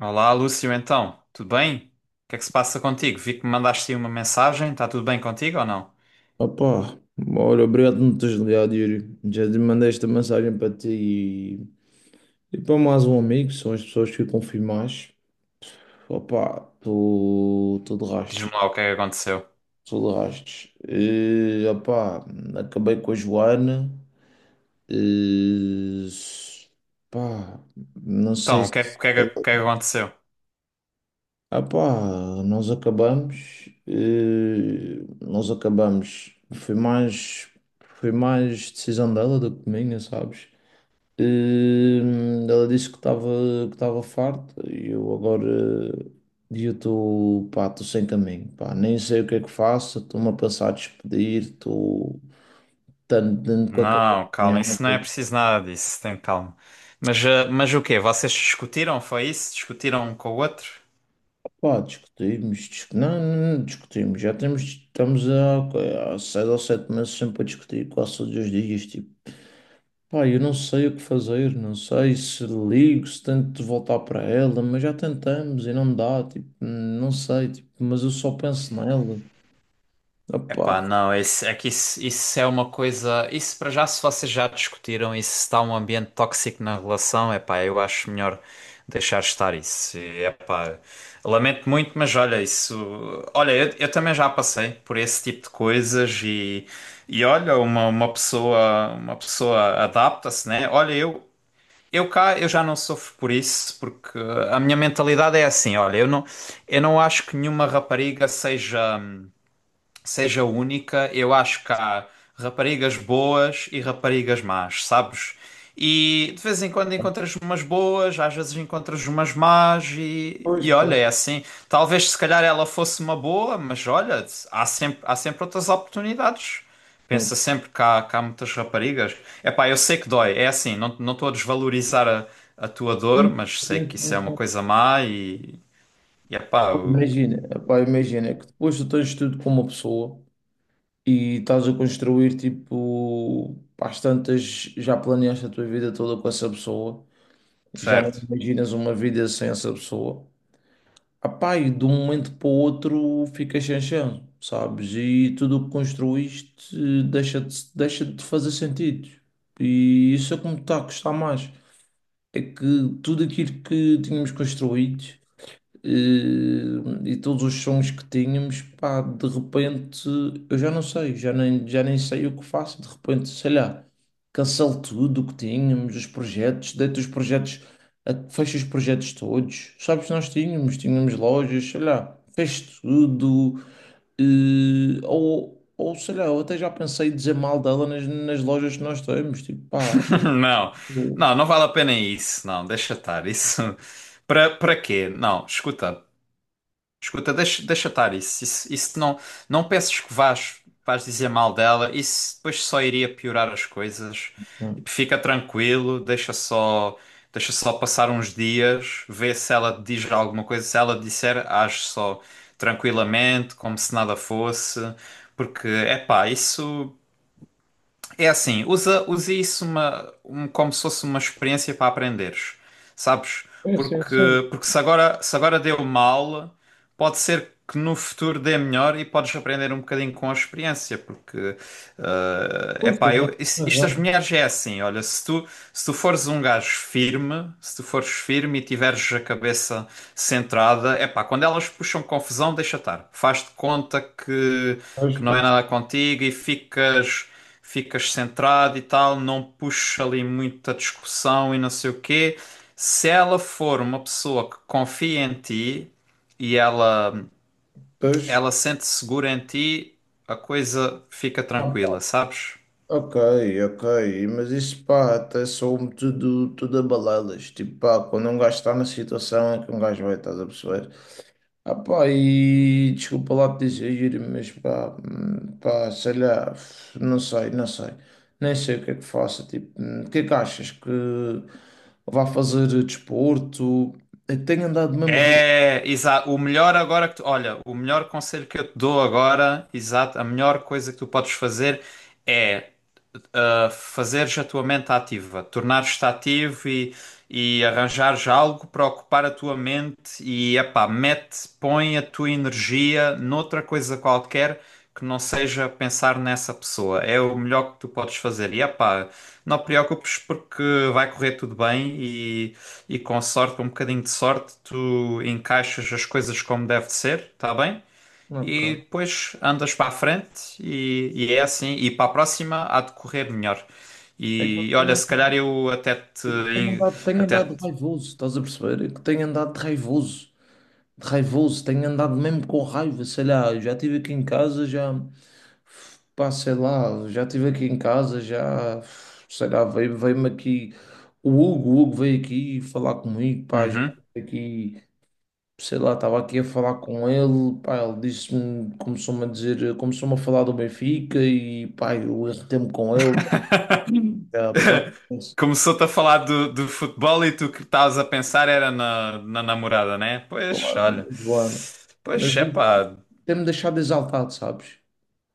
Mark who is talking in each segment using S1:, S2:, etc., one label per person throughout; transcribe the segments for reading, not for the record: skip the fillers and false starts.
S1: Olá, Lúcio, então, tudo bem? O que é que se passa contigo? Vi que me mandaste aí uma mensagem, está tudo bem contigo ou não?
S2: Opa, olha, obrigado por me teres ligado, Yuri. Já te mandei esta mensagem para ti e para mais um amigo, que são as pessoas que eu confio mais. Opa, estou de
S1: Diz-me
S2: rastos,
S1: lá o que é que aconteceu.
S2: estou de rastos. E, opa, Acabei com a Joana. E, pá, não sei
S1: Então,
S2: se...
S1: o que é que aconteceu?
S2: Opa, nós acabamos, foi mais decisão dela do que minha, sabes? Ela disse que estava farta e eu agora e eu estou pá, estou sem caminho, pá, nem sei o que é que faço, estou-me a pensar a despedir, estou tanto dentro com a cabeça
S1: Não,
S2: em
S1: calma, isso não é
S2: água.
S1: preciso nada disso, tem calma. Mas o quê? Vocês discutiram, foi isso? Discutiram um com o outro?
S2: Pá, discutimos, não, não discutimos, já temos, estamos há, há seis ou sete meses sempre a discutir quase todos os dias, tipo. Pá, eu não sei o que fazer, não sei se ligo, se tento voltar para ela, mas já tentamos e não dá, tipo, não sei, tipo, mas eu só penso nela. Opá,
S1: Epá, não, é que isso é uma coisa. Isso para já, se vocês já discutiram e se está um ambiente tóxico na relação, epá, eu acho melhor deixar estar isso. E, epá, lamento muito, mas olha, isso. Olha, eu também já passei por esse tipo de coisas e olha, uma pessoa adapta-se, né? Olha, eu. Eu cá, eu já não sofro por isso, porque a minha mentalidade é assim, olha, eu não acho que nenhuma rapariga seja única. Eu acho que há raparigas boas e raparigas más, sabes? E de vez em quando encontras umas boas, às vezes encontras umas más, e,
S2: pois,
S1: e olha,
S2: pá.
S1: é assim. Talvez se calhar ela fosse uma boa, mas olha, há sempre outras oportunidades. Pensa sempre que há muitas raparigas. Epá, eu sei que dói, é assim, não estou a desvalorizar a tua dor, mas sei que isso é uma coisa má e epá, eu-
S2: Imagina, opá, imagina que depois tu tens tudo com uma pessoa e estás a construir, tipo, às tantas já planeaste a tua vida toda com essa pessoa, já não
S1: certo.
S2: imaginas uma vida sem essa pessoa. Apá, e de um momento para o outro fica chanchão, sabes? E tudo o que construíste deixa de fazer sentido. E isso é como está a custar mais. É que tudo aquilo que tínhamos construído. E, e todos os sons que tínhamos, pá, de repente eu já não sei, já nem sei o que faço. De repente, sei lá, cancelo tudo o que tínhamos, os projetos, deito os projetos, fecho os projetos todos. Sabes, nós tínhamos, tínhamos lojas, sei lá, fecho tudo. E, ou sei lá, eu até já pensei em dizer mal dela nas, nas lojas que nós temos, tipo, pá.
S1: Não, não,
S2: eu-
S1: não vale a pena isso. Não, deixa estar. Isso para quê? Não, escuta, escuta, deixa estar isso. Isso não peças que vás dizer mal dela. Isso depois só iria piorar as coisas. Tipo, fica tranquilo, deixa só passar uns dias, vê se ela te diz alguma coisa. Se ela te disser, age só tranquilamente, como se nada fosse. Porque, é pá, isso. É assim, usa isso como se fosse uma experiência para aprenderes, sabes?
S2: É, sim,
S1: Porque,
S2: sim.
S1: porque se agora deu mal, pode ser que no futuro dê melhor e podes aprender um bocadinho com a experiência, porque, é
S2: Pois,
S1: epá,
S2: também tem
S1: isto das
S2: razão.
S1: mulheres é assim, olha, se tu fores um gajo firme, se tu fores firme e tiveres a cabeça centrada. É pá, quando elas puxam confusão, deixa estar. Faz de conta que,
S2: Pois,
S1: que não é
S2: pois.
S1: nada contigo e ficas centrado e tal, não puxa ali muita discussão e não sei o quê. Se ela for uma pessoa que confia em ti e ela,
S2: Pois,
S1: ela sente-se segura em ti, a coisa fica tranquila, sabes?
S2: ok, ok, mas isso pá, até soa tudo, tudo a balelas. Tipo, pá, quando um gajo está na situação é que um gajo vai, estás a perceber? Ah pá, e desculpa lá te dizer, mas pá, pá, sei lá, não sei, não sei, nem sei o que é que faço. Tipo, o que é que achas que vá fazer desporto? Eu tenho andado mesmo raivoso.
S1: É, exato. O melhor agora que tu, olha, o melhor conselho que eu te dou agora, exato, a melhor coisa que tu podes fazer é fazeres a tua mente ativa, tornares-te ativo e arranjares algo para ocupar a tua mente e, epá, põe a tua energia noutra coisa qualquer que não seja pensar nessa pessoa. É o melhor que tu podes fazer. E, epá, não te preocupes porque vai correr tudo bem e com sorte, com um bocadinho de sorte, tu encaixas as coisas como deve de ser, tá bem? E
S2: Ok,
S1: depois andas para a frente e é assim. E para a próxima há de correr melhor.
S2: é que eu
S1: E olha,
S2: tenho,
S1: se calhar eu até te.
S2: é que tenho
S1: Até
S2: andado
S1: te-
S2: raivoso, estás a perceber? É que tenho andado raivoso. Raivoso, tenho andado mesmo com raiva, sei lá, já estive aqui em casa, já, pá, sei lá, já estive aqui em casa, já, sei lá, veio-me aqui, o Hugo veio aqui falar comigo, pá, já
S1: Uhum.
S2: estive aqui, sei lá, estava aqui a falar com ele, pá, ele disse-me, começou-me a dizer, começou-me a falar do Benfica e, pá, eu irritei-me com ele, já, pá, sei
S1: Começou-te a falar do futebol e tu que estavas a pensar era na namorada, né? Pois,
S2: lá,
S1: olha.
S2: mas, bora. Mas
S1: Pois, é
S2: isso
S1: pá,
S2: tem-me deixado exaltado, sabes?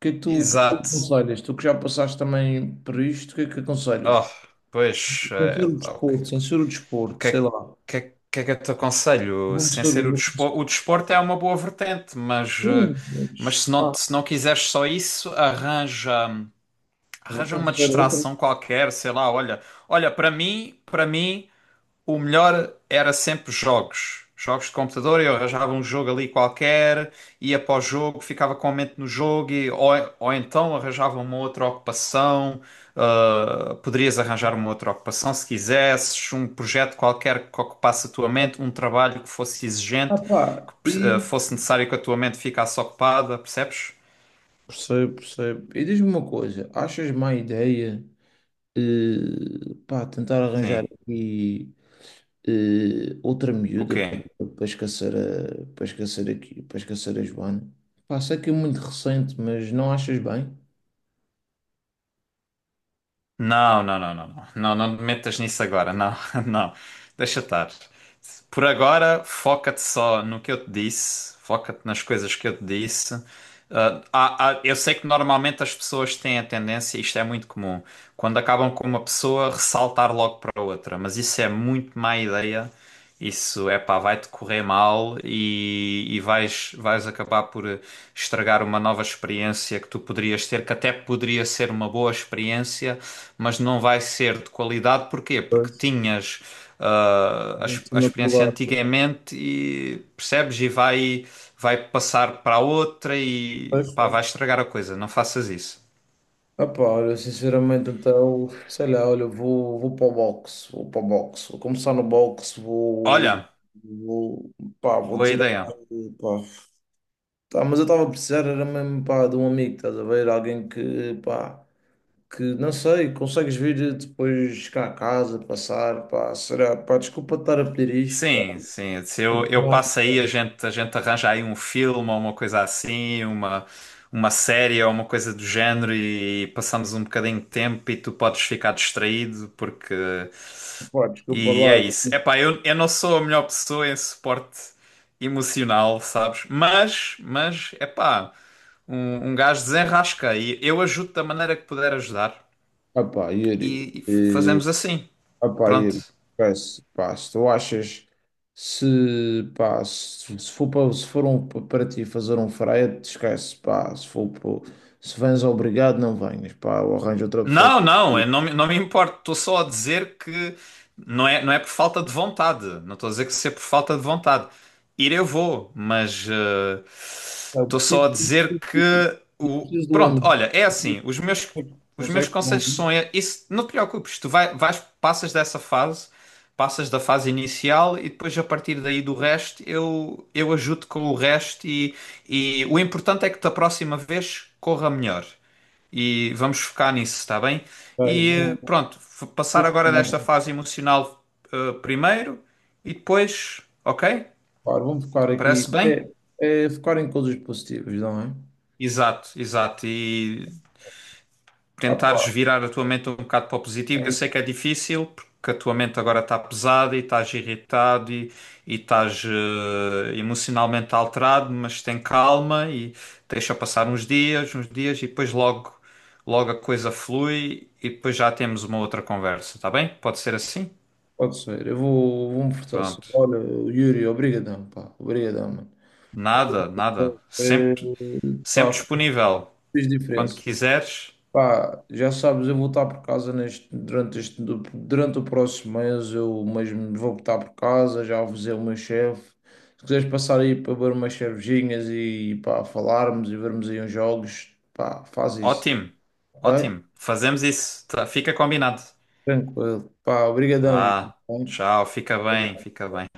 S2: Que é que tu
S1: exato.
S2: aconselhas? Tu que já passaste também por isto, o que é que aconselhas?
S1: Oh, pois, é pá, ok. o
S2: Censura o desporto,
S1: que
S2: sei
S1: é
S2: lá.
S1: que, é- que é que eu te aconselho? Sem ser
S2: Vou começar,
S1: o desporto é uma boa vertente, mas, eh, mas
S2: mas,
S1: se não,
S2: pá,
S1: se não quiseres só isso, arranja,
S2: vou
S1: arranja uma
S2: começar outra.
S1: distração qualquer, sei lá, olha, olha, para mim o melhor era sempre jogos. Jogos de computador, eu arranjava um jogo ali qualquer, ia para o jogo, ficava com a mente no jogo, ou então arranjava uma outra ocupação. Poderias arranjar uma outra ocupação se quisesses, um projeto qualquer que ocupasse a tua mente, um trabalho que fosse
S2: Ah,
S1: exigente,
S2: pá,
S1: que
S2: e
S1: fosse necessário que a tua mente ficasse ocupada, percebes?
S2: percebo, percebo. E diz-me uma coisa, achas má ideia, pá, tentar arranjar
S1: Sim.
S2: aqui outra
S1: O
S2: miúda
S1: quê?
S2: para, para esquecer a, para esquecer aqui, para esquecer a Joana? Pá, sei que é muito recente, mas não achas bem?
S1: Não, não, não, não, não, não, não te metas nisso agora, não, não, deixa estar. Por agora, foca-te só no que eu te disse, foca-te nas coisas que eu te disse. Eu sei que normalmente as pessoas têm a tendência, isto é muito comum, quando acabam com uma pessoa, ressaltar logo para outra, mas isso é muito má ideia. Isso é pá, vai-te correr mal e vais acabar por estragar uma nova experiência que tu poderias ter, que até poderia ser uma boa experiência, mas não vai ser de qualidade. Porquê? Porque tinhas
S2: Não
S1: a
S2: estou
S1: experiência
S2: lá.
S1: antigamente e percebes e vai passar para outra e
S2: Pois,
S1: pá,
S2: pois.
S1: vai estragar a coisa. Não faças isso.
S2: Ah pá, olha, sinceramente, então, sei lá, olha, eu vou, vou para o boxe, vou para o boxe, vou começar no boxe, vou,
S1: Olha,
S2: vou, pá, vou
S1: boa
S2: tirar, pá.
S1: ideia.
S2: Tá, mas eu estava a precisar, era mesmo, pá, de um amigo, estás a ver? Alguém que, pá, que, não sei, consegues vir depois cá a casa, passar, pá, será, pá, desculpa estar a pedir isto, pá,
S1: Sim, sim. Se eu passo aí, a gente arranja aí um filme ou uma coisa assim, uma série ou uma coisa do género e passamos um bocadinho de tempo e tu podes ficar distraído porque.
S2: pá, desculpa
S1: E é
S2: lá.
S1: isso. Epá, eu não sou a melhor pessoa em suporte emocional, sabes? Mas, epá, um gajo desenrasca e eu ajudo da maneira que puder ajudar.
S2: Ah pá, Yuri.
S1: E
S2: eh,
S1: fazemos assim.
S2: Opa, e,
S1: Pronto.
S2: pá, se tu achas se, pá, se for para, se for um- para ti fazer um frete, esquece, pá, se for para- se vens obrigado, não venhas, pá, eu arranjo outra pessoa.
S1: Não, não, eu não me importo. Estou só a dizer que não é por falta de vontade. Não estou a dizer que se é por falta de vontade. Ir eu vou, mas
S2: Eu
S1: estou
S2: preciso,
S1: só a dizer.
S2: eu preciso de um
S1: Pronto,
S2: amigo.
S1: olha, é assim, os meus,
S2: Não
S1: os meus
S2: sei como.
S1: conselhos são isso, não te preocupes, tu vais, passas dessa fase, passas da fase inicial e depois a partir daí do resto eu ajudo com o resto e o importante é que da próxima vez corra melhor. E vamos focar nisso, está bem?
S2: Bem,
S1: E
S2: vou,
S1: pronto, passar
S2: vou,
S1: agora
S2: focar,
S1: desta
S2: vou
S1: fase emocional primeiro e depois, ok?
S2: focar vou focar aqui.
S1: Parece bem?
S2: É, é focar em coisas positivas, não é?
S1: Exato, exato. E
S2: Ah, pá,
S1: tentares virar a tua mente um bocado para o positivo. Eu sei que é difícil, porque a tua mente agora está pesada e estás irritado e estás emocionalmente alterado, mas tem calma e deixa passar uns dias e depois logo, logo a coisa flui e depois já temos uma outra conversa, está bem? Pode ser assim?
S2: pode ser. Eu vou, vou me fortalecer.
S1: Pronto.
S2: Olha, Yuri, obrigadão, pá. Obrigadão, mano.
S1: Nada, nada.
S2: Eh,
S1: Sempre, sempre
S2: Pá,
S1: disponível.
S2: fez
S1: Quando
S2: diferença.
S1: quiseres.
S2: Pá, já sabes, eu vou estar por casa neste, durante este, durante o próximo mês, eu mesmo vou estar por casa, já avisei o meu chefe. Se quiseres passar aí para beber umas cervejinhas e pá, falarmos e vermos aí uns jogos, pá, faz isso.
S1: Ótimo,
S2: Ok?
S1: ótimo. Fazemos isso. Tá, fica combinado.
S2: Tranquilo. Pá, obrigadão. Yuri,
S1: Vá,
S2: tá
S1: tchau, fica bem,
S2: bem?
S1: fica bem.